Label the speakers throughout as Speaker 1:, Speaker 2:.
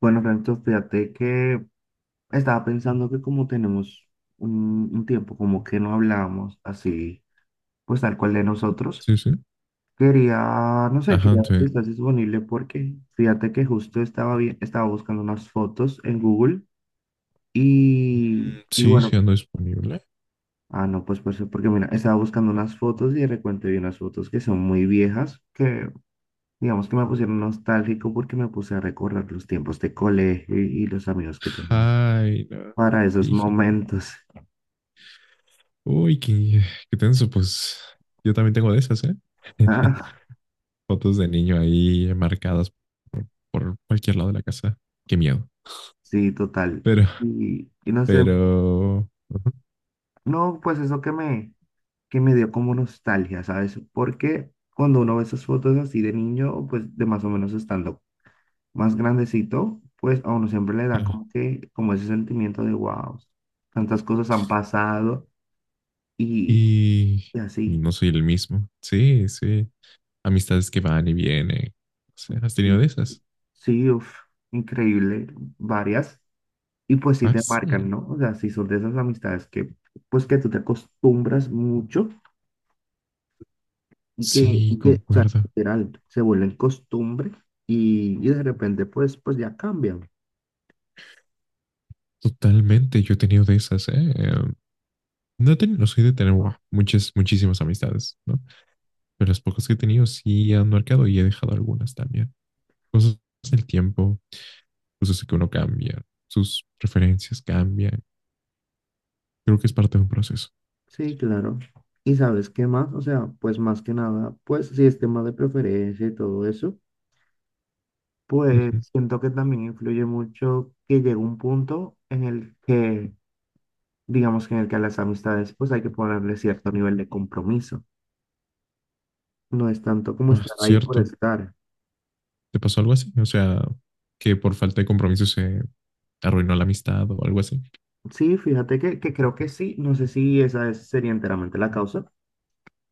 Speaker 1: Bueno, Francisco, fíjate que estaba pensando que como tenemos un tiempo como que no hablábamos así, pues tal cual de nosotros,
Speaker 2: Sí, sí.
Speaker 1: quería, no sé,
Speaker 2: Ajá,
Speaker 1: quería ver si
Speaker 2: entonces,
Speaker 1: estás disponible porque fíjate que justo estaba bien, estaba buscando unas fotos en Google y
Speaker 2: sí, sí
Speaker 1: bueno,
Speaker 2: ando disponible.
Speaker 1: ah, no, pues porque mira, estaba buscando unas fotos y de repente vi unas fotos que son muy viejas, que digamos que me pusieron nostálgico porque me puse a recordar los tiempos de colegio y los amigos que tenía
Speaker 2: Ay, no.
Speaker 1: para esos
Speaker 2: Fíjate.
Speaker 1: momentos.
Speaker 2: Uy, qué, qué tenso, pues yo también tengo de esas, ¿eh?
Speaker 1: Ah,
Speaker 2: Fotos de niño ahí marcadas por cualquier lado de la casa. Qué miedo.
Speaker 1: sí, total.
Speaker 2: Pero,
Speaker 1: Y no sé,
Speaker 2: pero... ujú.
Speaker 1: no, pues eso que me dio como nostalgia, ¿sabes? Porque cuando uno ve esas fotos así de niño, pues de más o menos estando más grandecito, pues a uno siempre le da como que, como ese sentimiento de wow, tantas cosas han pasado y,
Speaker 2: Y,
Speaker 1: y
Speaker 2: y
Speaker 1: así.
Speaker 2: no soy el mismo. Sí, sí. Amistades que van y vienen. O sea, ¿has tenido
Speaker 1: Sí,
Speaker 2: de esas?
Speaker 1: sí, uf, increíble, varias. Y pues sí
Speaker 2: Ah,
Speaker 1: te marcan,
Speaker 2: sí.
Speaker 1: ¿no? O sea, sí son de esas amistades que, pues que tú te acostumbras mucho.
Speaker 2: Sí,
Speaker 1: O sea,
Speaker 2: concuerdo.
Speaker 1: literal, se vuelven costumbre y de repente pues ya cambian.
Speaker 2: Totalmente. Yo he tenido de esas, ¿eh? No he tenido la suerte de tener wow, muchas, muchísimas amistades, ¿no? Pero las pocas que he tenido sí han marcado y he dejado algunas también. Cosas del tiempo, cosas que uno cambia, sus preferencias cambian. Creo que es parte de un proceso.
Speaker 1: Sí, claro. ¿Y sabes qué más? O sea, pues más que nada, pues si es tema de preferencia y todo eso,
Speaker 2: Uh
Speaker 1: pues
Speaker 2: -huh.
Speaker 1: siento que también influye mucho que llega un punto en el que, digamos que en el que a las amistades pues hay que ponerle cierto nivel de compromiso. No es tanto como estar ahí por
Speaker 2: Cierto.
Speaker 1: estar.
Speaker 2: ¿Te pasó algo así? O sea, que por falta de compromiso se arruinó la amistad o algo así.
Speaker 1: Sí, fíjate que creo que sí. No sé si sería enteramente la causa.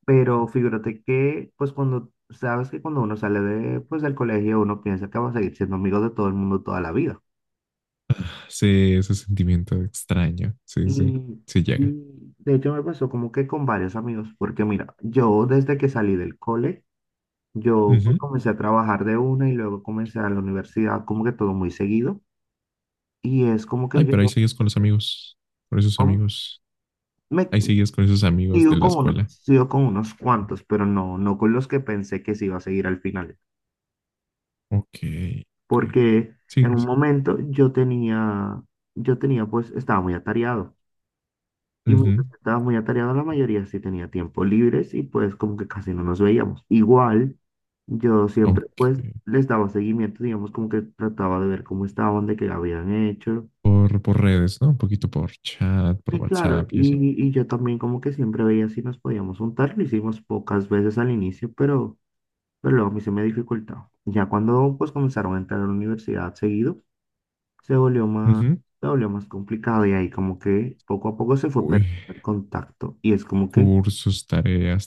Speaker 1: Pero figúrate que, pues cuando, sabes que cuando uno sale de, pues, del colegio, uno piensa que va a seguir siendo amigo de todo el mundo toda la vida.
Speaker 2: Ah, sí, ese sentimiento extraño. Sí, sí,
Speaker 1: Y,
Speaker 2: sí llega.
Speaker 1: y de hecho me pasó como que con varios amigos, porque mira, yo desde que salí del cole,
Speaker 2: Uh
Speaker 1: yo pues,
Speaker 2: -huh.
Speaker 1: comencé a trabajar de una y luego comencé a la universidad, como que todo muy seguido. Y es como que
Speaker 2: Ay,
Speaker 1: yo
Speaker 2: pero ahí sigues con los amigos, con esos
Speaker 1: como-
Speaker 2: amigos.
Speaker 1: me
Speaker 2: Ahí sigues con esos amigos de la escuela.
Speaker 1: sigo con unos cuantos, pero no, no con los que pensé que se iba a seguir al final.
Speaker 2: Ok, ok.
Speaker 1: Porque en
Speaker 2: Sí,
Speaker 1: un
Speaker 2: sí.
Speaker 1: momento yo tenía, pues estaba muy atareado y mientras
Speaker 2: Ujú.
Speaker 1: estaba muy atareado la mayoría sí tenía tiempo libres y pues como que casi no nos veíamos. Igual yo siempre
Speaker 2: Ok.
Speaker 1: pues les daba seguimiento, digamos como que trataba de ver cómo estaban, de qué habían hecho.
Speaker 2: Por redes, ¿no? Un poquito por chat, por
Speaker 1: Y claro,
Speaker 2: WhatsApp y eso.
Speaker 1: y yo también como que siempre veía si nos podíamos juntar, lo hicimos pocas veces al inicio, pero luego a mí se me dificultaba. Ya cuando pues comenzaron a entrar a la universidad seguido, se volvió más,
Speaker 2: Ujú.
Speaker 1: se volvió más complicado y ahí como que poco a poco se fue
Speaker 2: Uy,
Speaker 1: perdiendo el contacto y es como que
Speaker 2: cursos, tareas,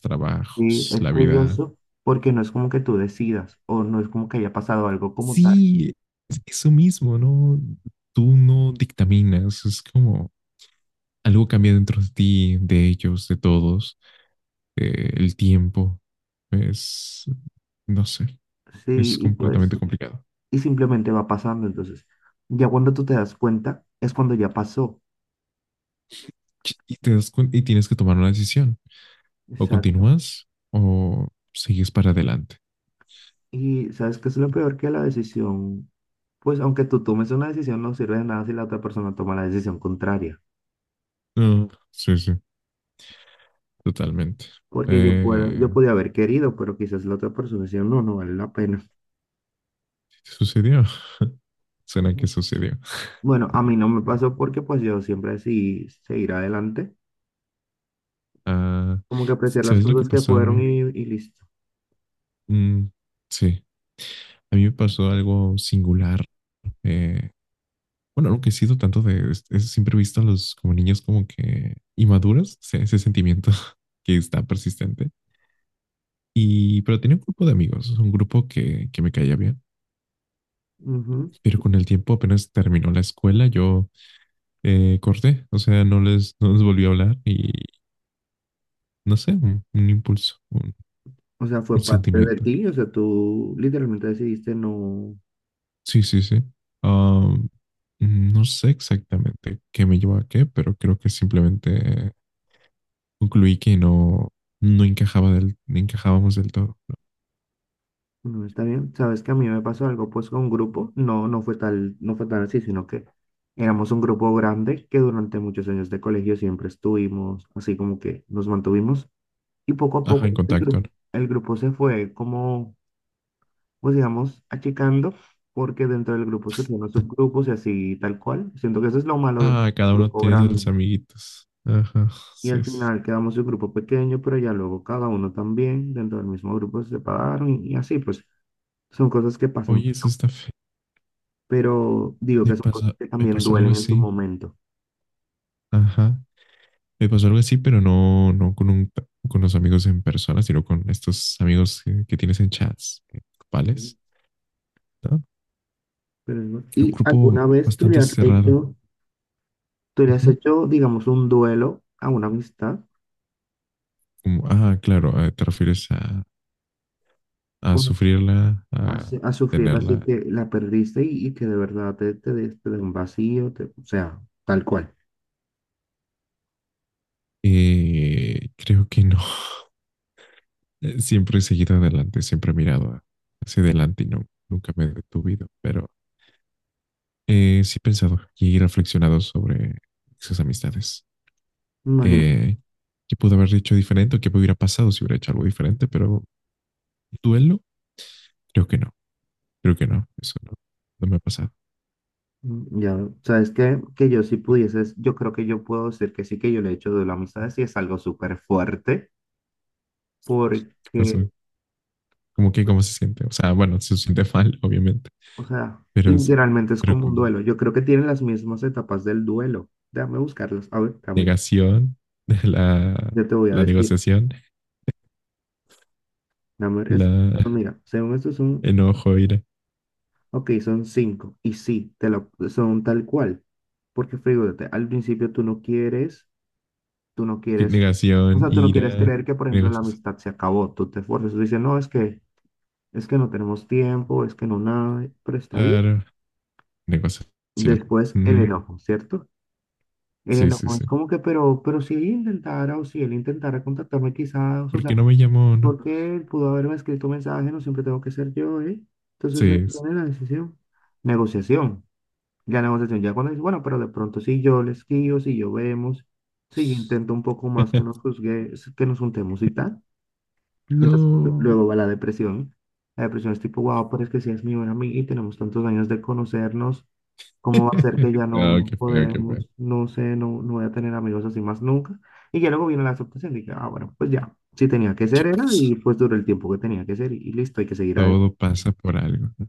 Speaker 1: sí,
Speaker 2: trabajos,
Speaker 1: es
Speaker 2: la vida.
Speaker 1: tedioso porque no es como que tú decidas o no es como que haya pasado algo como tal.
Speaker 2: Sí, es eso mismo, ¿no? Tú no dictaminas, es como algo cambia dentro de ti, de ellos, de todos, el tiempo. Es, no sé,
Speaker 1: Sí,
Speaker 2: es
Speaker 1: y pues,
Speaker 2: completamente complicado.
Speaker 1: y simplemente va pasando. Entonces, ya cuando tú te das cuenta, es cuando ya pasó.
Speaker 2: Y te das cuen- y tienes que tomar una decisión. O
Speaker 1: Exacto.
Speaker 2: continúas o sigues para adelante.
Speaker 1: Y sabes que es lo peor que la decisión, pues aunque tú tomes una decisión, no sirve de nada si la otra persona toma la decisión contraria.
Speaker 2: No, sí, sí, totalmente.
Speaker 1: Porque
Speaker 2: Eh,
Speaker 1: yo podía haber querido, pero quizás la otra persona decía, no, no vale la pena.
Speaker 2: ¿Sí ¿te sucedió? Suena que sucedió.
Speaker 1: Bueno, a mí no me pasó porque pues yo siempre decidí seguir adelante,
Speaker 2: Ah,
Speaker 1: como que apreciar las
Speaker 2: ¿sabes lo que
Speaker 1: cosas que
Speaker 2: pasó a
Speaker 1: fueron
Speaker 2: mí?
Speaker 1: y listo.
Speaker 2: Mm, sí, a mí me pasó algo singular. Eh, bueno, algo que he sido tanto de... siempre he visto a los como niños como que inmaduros, ese sentimiento que está persistente. Y, pero tenía un grupo de amigos, un grupo que me caía bien.
Speaker 1: Ujú.
Speaker 2: Pero con el tiempo apenas terminó la escuela, yo corté, o sea, no les volví a hablar y no sé, un impulso,
Speaker 1: O sea,
Speaker 2: un
Speaker 1: fue parte de
Speaker 2: sentimiento.
Speaker 1: ti, o sea, tú literalmente decidiste no,
Speaker 2: Sí, sí, sí. Ah, no sé exactamente qué me llevó a qué, pero creo que simplemente concluí que no, no encajaba del, no encajábamos del todo.
Speaker 1: no está bien. Sabes que a mí me pasó algo pues con un grupo, no, no fue tal, no fue tan así, sino que éramos un grupo grande que durante muchos años de colegio siempre estuvimos, así como que nos mantuvimos y poco a
Speaker 2: Ajá,
Speaker 1: poco
Speaker 2: en contacto, ¿no?
Speaker 1: el grupo se fue como pues digamos, achicando, porque dentro del grupo surgen los subgrupos y así tal cual. Siento que eso es lo malo del
Speaker 2: Ah, cada uno
Speaker 1: grupo
Speaker 2: tiene
Speaker 1: grande.
Speaker 2: sus amiguitos. Ajá,
Speaker 1: Y al
Speaker 2: sí, sí.
Speaker 1: final quedamos un grupo pequeño, pero ya luego cada uno también dentro del mismo grupo se separaron y así, pues son cosas que pasan,
Speaker 2: Oye, eso está feo.
Speaker 1: pero digo que son cosas que
Speaker 2: Me
Speaker 1: también
Speaker 2: pasó algo
Speaker 1: duelen en su
Speaker 2: así.
Speaker 1: momento.
Speaker 2: Ajá. Me pasó algo así, pero no, no con un, con los amigos en persona, sino con estos amigos que tienes en chats
Speaker 1: Ujú,
Speaker 2: grupales, ¿no?
Speaker 1: pero es bueno.
Speaker 2: Era un
Speaker 1: ¿Y
Speaker 2: grupo
Speaker 1: alguna vez
Speaker 2: bastante cerrado.
Speaker 1: tú le has
Speaker 2: Ujú.
Speaker 1: hecho, digamos, un duelo a una amistad?
Speaker 2: Como, ah, claro, te refieres a sufrirla, a
Speaker 1: A sufrirla así
Speaker 2: tenerla.
Speaker 1: que la perdiste y que de verdad te dé un vacío, o sea, tal cual.
Speaker 2: Creo que no. Siempre he seguido adelante, siempre he mirado hacia adelante y no, nunca me he detuvido, pero sí he pensado y reflexionado sobre esas amistades.
Speaker 1: Imagínate,
Speaker 2: eh, Qué pudo haber dicho diferente o qué hubiera pasado si hubiera hecho algo diferente, pero duelo, creo que no, creo que no, eso no, no me ha pasado.
Speaker 1: mm, ya, sabes que yo si pudieses, yo creo que yo puedo decir que sí que yo le he hecho de la amistad, sí es algo súper fuerte,
Speaker 2: ¿Qué
Speaker 1: porque,
Speaker 2: pasó? ¿Cómo que cómo se siente? O sea, bueno, se siente mal, obviamente,
Speaker 1: o sea,
Speaker 2: pero, es-
Speaker 1: literalmente es
Speaker 2: pero
Speaker 1: como un
Speaker 2: con
Speaker 1: duelo. Yo creo que tienen las mismas etapas del duelo. Déjame buscarlas. A ver,
Speaker 2: negación, la,
Speaker 1: yo te voy a
Speaker 2: la
Speaker 1: decir.
Speaker 2: negociación,
Speaker 1: Dame, esto,
Speaker 2: la
Speaker 1: mira, según esto es un...
Speaker 2: enojo, ira,
Speaker 1: Ok, son cinco. Y sí, te lo, son tal cual. Porque fíjate, al principio tú no
Speaker 2: ¿Qué
Speaker 1: quieres, o
Speaker 2: negación,
Speaker 1: sea, tú no quieres
Speaker 2: ira,
Speaker 1: creer que, por ejemplo, la
Speaker 2: negociación,
Speaker 1: amistad se acabó. Tú te esfuerzas, tú dices, no, es que no tenemos tiempo, es que no nada, pero está bien.
Speaker 2: claro, negociación.
Speaker 1: Después el
Speaker 2: Ujú.
Speaker 1: enojo, ¿cierto? El
Speaker 2: Sí, sí,
Speaker 1: enojo es
Speaker 2: sí.
Speaker 1: como que, pero si ella intentara o si él intentara contactarme quizás, o
Speaker 2: ¿Por
Speaker 1: sea,
Speaker 2: qué no me llamó? No.
Speaker 1: porque él pudo haberme escrito un mensaje, no siempre tengo que ser yo, ¿eh? Entonces él
Speaker 2: Sí.
Speaker 1: pone la decisión. Negociación. Ya negociación, ya cuando dice, bueno, pero de pronto si yo les guío, si yo vemos, si yo intento un poco más que nos juzgue, que nos juntemos y tal. Entonces,
Speaker 2: No.
Speaker 1: luego va la depresión. La depresión es tipo, wow, pero es que si es mi buena amiga y tenemos tantos años de conocernos, ¿cómo va a ser que ya no,
Speaker 2: No,
Speaker 1: no
Speaker 2: qué feo, qué feo.
Speaker 1: podemos? No sé, no, no voy a tener amigos así más nunca. Y ya luego viene la aceptación, dije, ah, bueno, pues ya, si tenía que
Speaker 2: ¿Qué
Speaker 1: ser era
Speaker 2: pasa?
Speaker 1: y pues duró el tiempo que tenía que ser y listo, hay que seguir adelante.
Speaker 2: Todo pasa por algo, ¿no?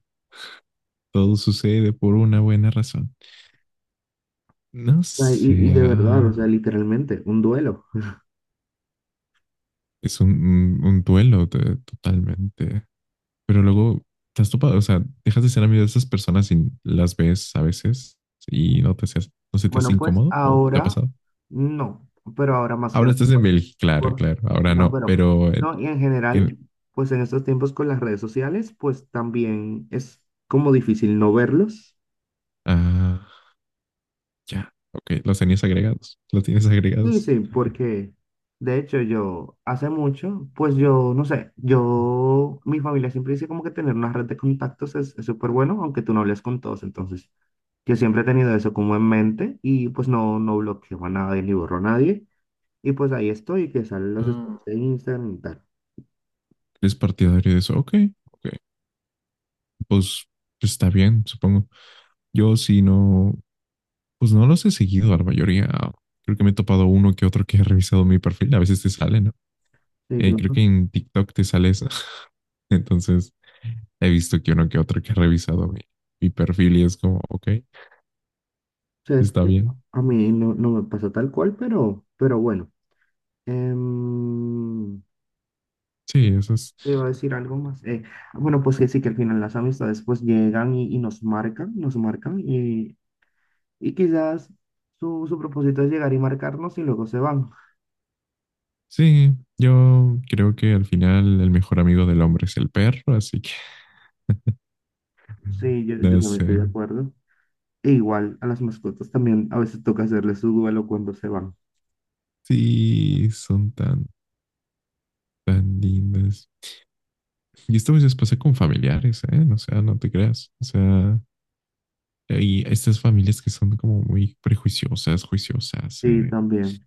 Speaker 2: Todo sucede por una buena razón. No
Speaker 1: O sea, y
Speaker 2: sé,
Speaker 1: de verdad, o sea, literalmente, un duelo.
Speaker 2: es un, un duelo de- totalmente. Pero luego te has topado, o sea, dejas de ser amigo de esas personas y las ves a veces y no te seas, no se te hace
Speaker 1: Bueno, pues
Speaker 2: incómodo o te ha
Speaker 1: ahora
Speaker 2: pasado.
Speaker 1: no, pero ahora más que
Speaker 2: Ahora
Speaker 1: nada,
Speaker 2: estás en
Speaker 1: pues,
Speaker 2: Bélgica, claro,
Speaker 1: por-
Speaker 2: claro, ahora
Speaker 1: no,
Speaker 2: no,
Speaker 1: pero
Speaker 2: pero
Speaker 1: no, y en general,
Speaker 2: en-
Speaker 1: pues en estos tiempos con las redes sociales, pues también es como difícil no verlos.
Speaker 2: ah, ya, ok, los tenías agregados, los tienes
Speaker 1: Sí,
Speaker 2: agregados.
Speaker 1: sí, porque de hecho yo hace mucho, pues yo no sé, yo, mi familia siempre dice como que tener una red de contactos es súper bueno, aunque tú no hables con todos, entonces yo siempre he tenido eso como en mente y pues no, no bloqueo a nadie ni borro a nadie. Y pues ahí estoy, que salen los
Speaker 2: Ah,
Speaker 1: stories de Instagram y tal.
Speaker 2: ¿eres partidario de eso? Ok, ok. Pues está bien, supongo. Yo sí no, pues no los he seguido a la mayoría. Creo que me he topado uno que otro que he revisado mi perfil. A veces te sale, ¿no?
Speaker 1: Sí, claro.
Speaker 2: Creo que
Speaker 1: O
Speaker 2: en TikTok te sale eso. Entonces he visto que uno que otro que ha revisado mi perfil y es como, ok,
Speaker 1: sea, es
Speaker 2: está
Speaker 1: que
Speaker 2: bien.
Speaker 1: a mí no, no me pasó tal cual, pero bueno. Em,
Speaker 2: Sí,
Speaker 1: ¿Qué
Speaker 2: eso es.
Speaker 1: te iba a decir algo más? Bueno, pues que sí, que al final las amistades pues llegan y nos marcan y quizás su propósito es llegar y marcarnos y luego se van.
Speaker 2: Sí, yo creo que al final el mejor amigo del hombre es el perro, así que
Speaker 1: Sí, yo
Speaker 2: no
Speaker 1: también estoy
Speaker 2: sé.
Speaker 1: de acuerdo. E igual a las mascotas también a veces toca hacerles su duelo cuando se van.
Speaker 2: Sí, son tan, tan lindas. Y esto a veces pasa con familiares, ¿eh? No, o sea, no te creas. O sea, y estas familias que son como muy prejuiciosas, juiciosas.
Speaker 1: Sí, también.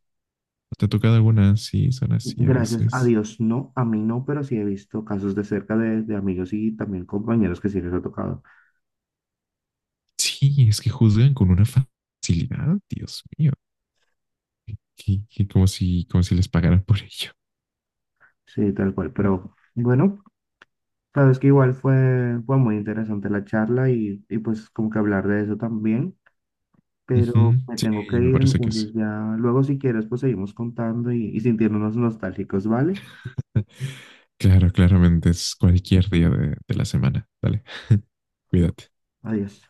Speaker 2: ¿Te ha tocado alguna? Sí, son así a
Speaker 1: Gracias a
Speaker 2: veces.
Speaker 1: Dios, no, a mí no, pero sí he visto casos de cerca de amigos y también compañeros que sí les ha tocado.
Speaker 2: Sí, es que juzgan con una facilidad, Dios mío. Que como si les pagaran por ello.
Speaker 1: Sí, tal cual. Pero bueno, sabes que igual fue, fue muy interesante la charla y pues como que hablar de eso también, pero
Speaker 2: Ujú.
Speaker 1: me
Speaker 2: Sí,
Speaker 1: tengo que
Speaker 2: me
Speaker 1: ir,
Speaker 2: parece que sí.
Speaker 1: entonces ya luego si quieres pues seguimos contando y sintiéndonos nostálgicos, ¿vale?
Speaker 2: Claro, claramente es cualquier día de la semana. Dale,
Speaker 1: Bueno,
Speaker 2: cuídate.
Speaker 1: adiós.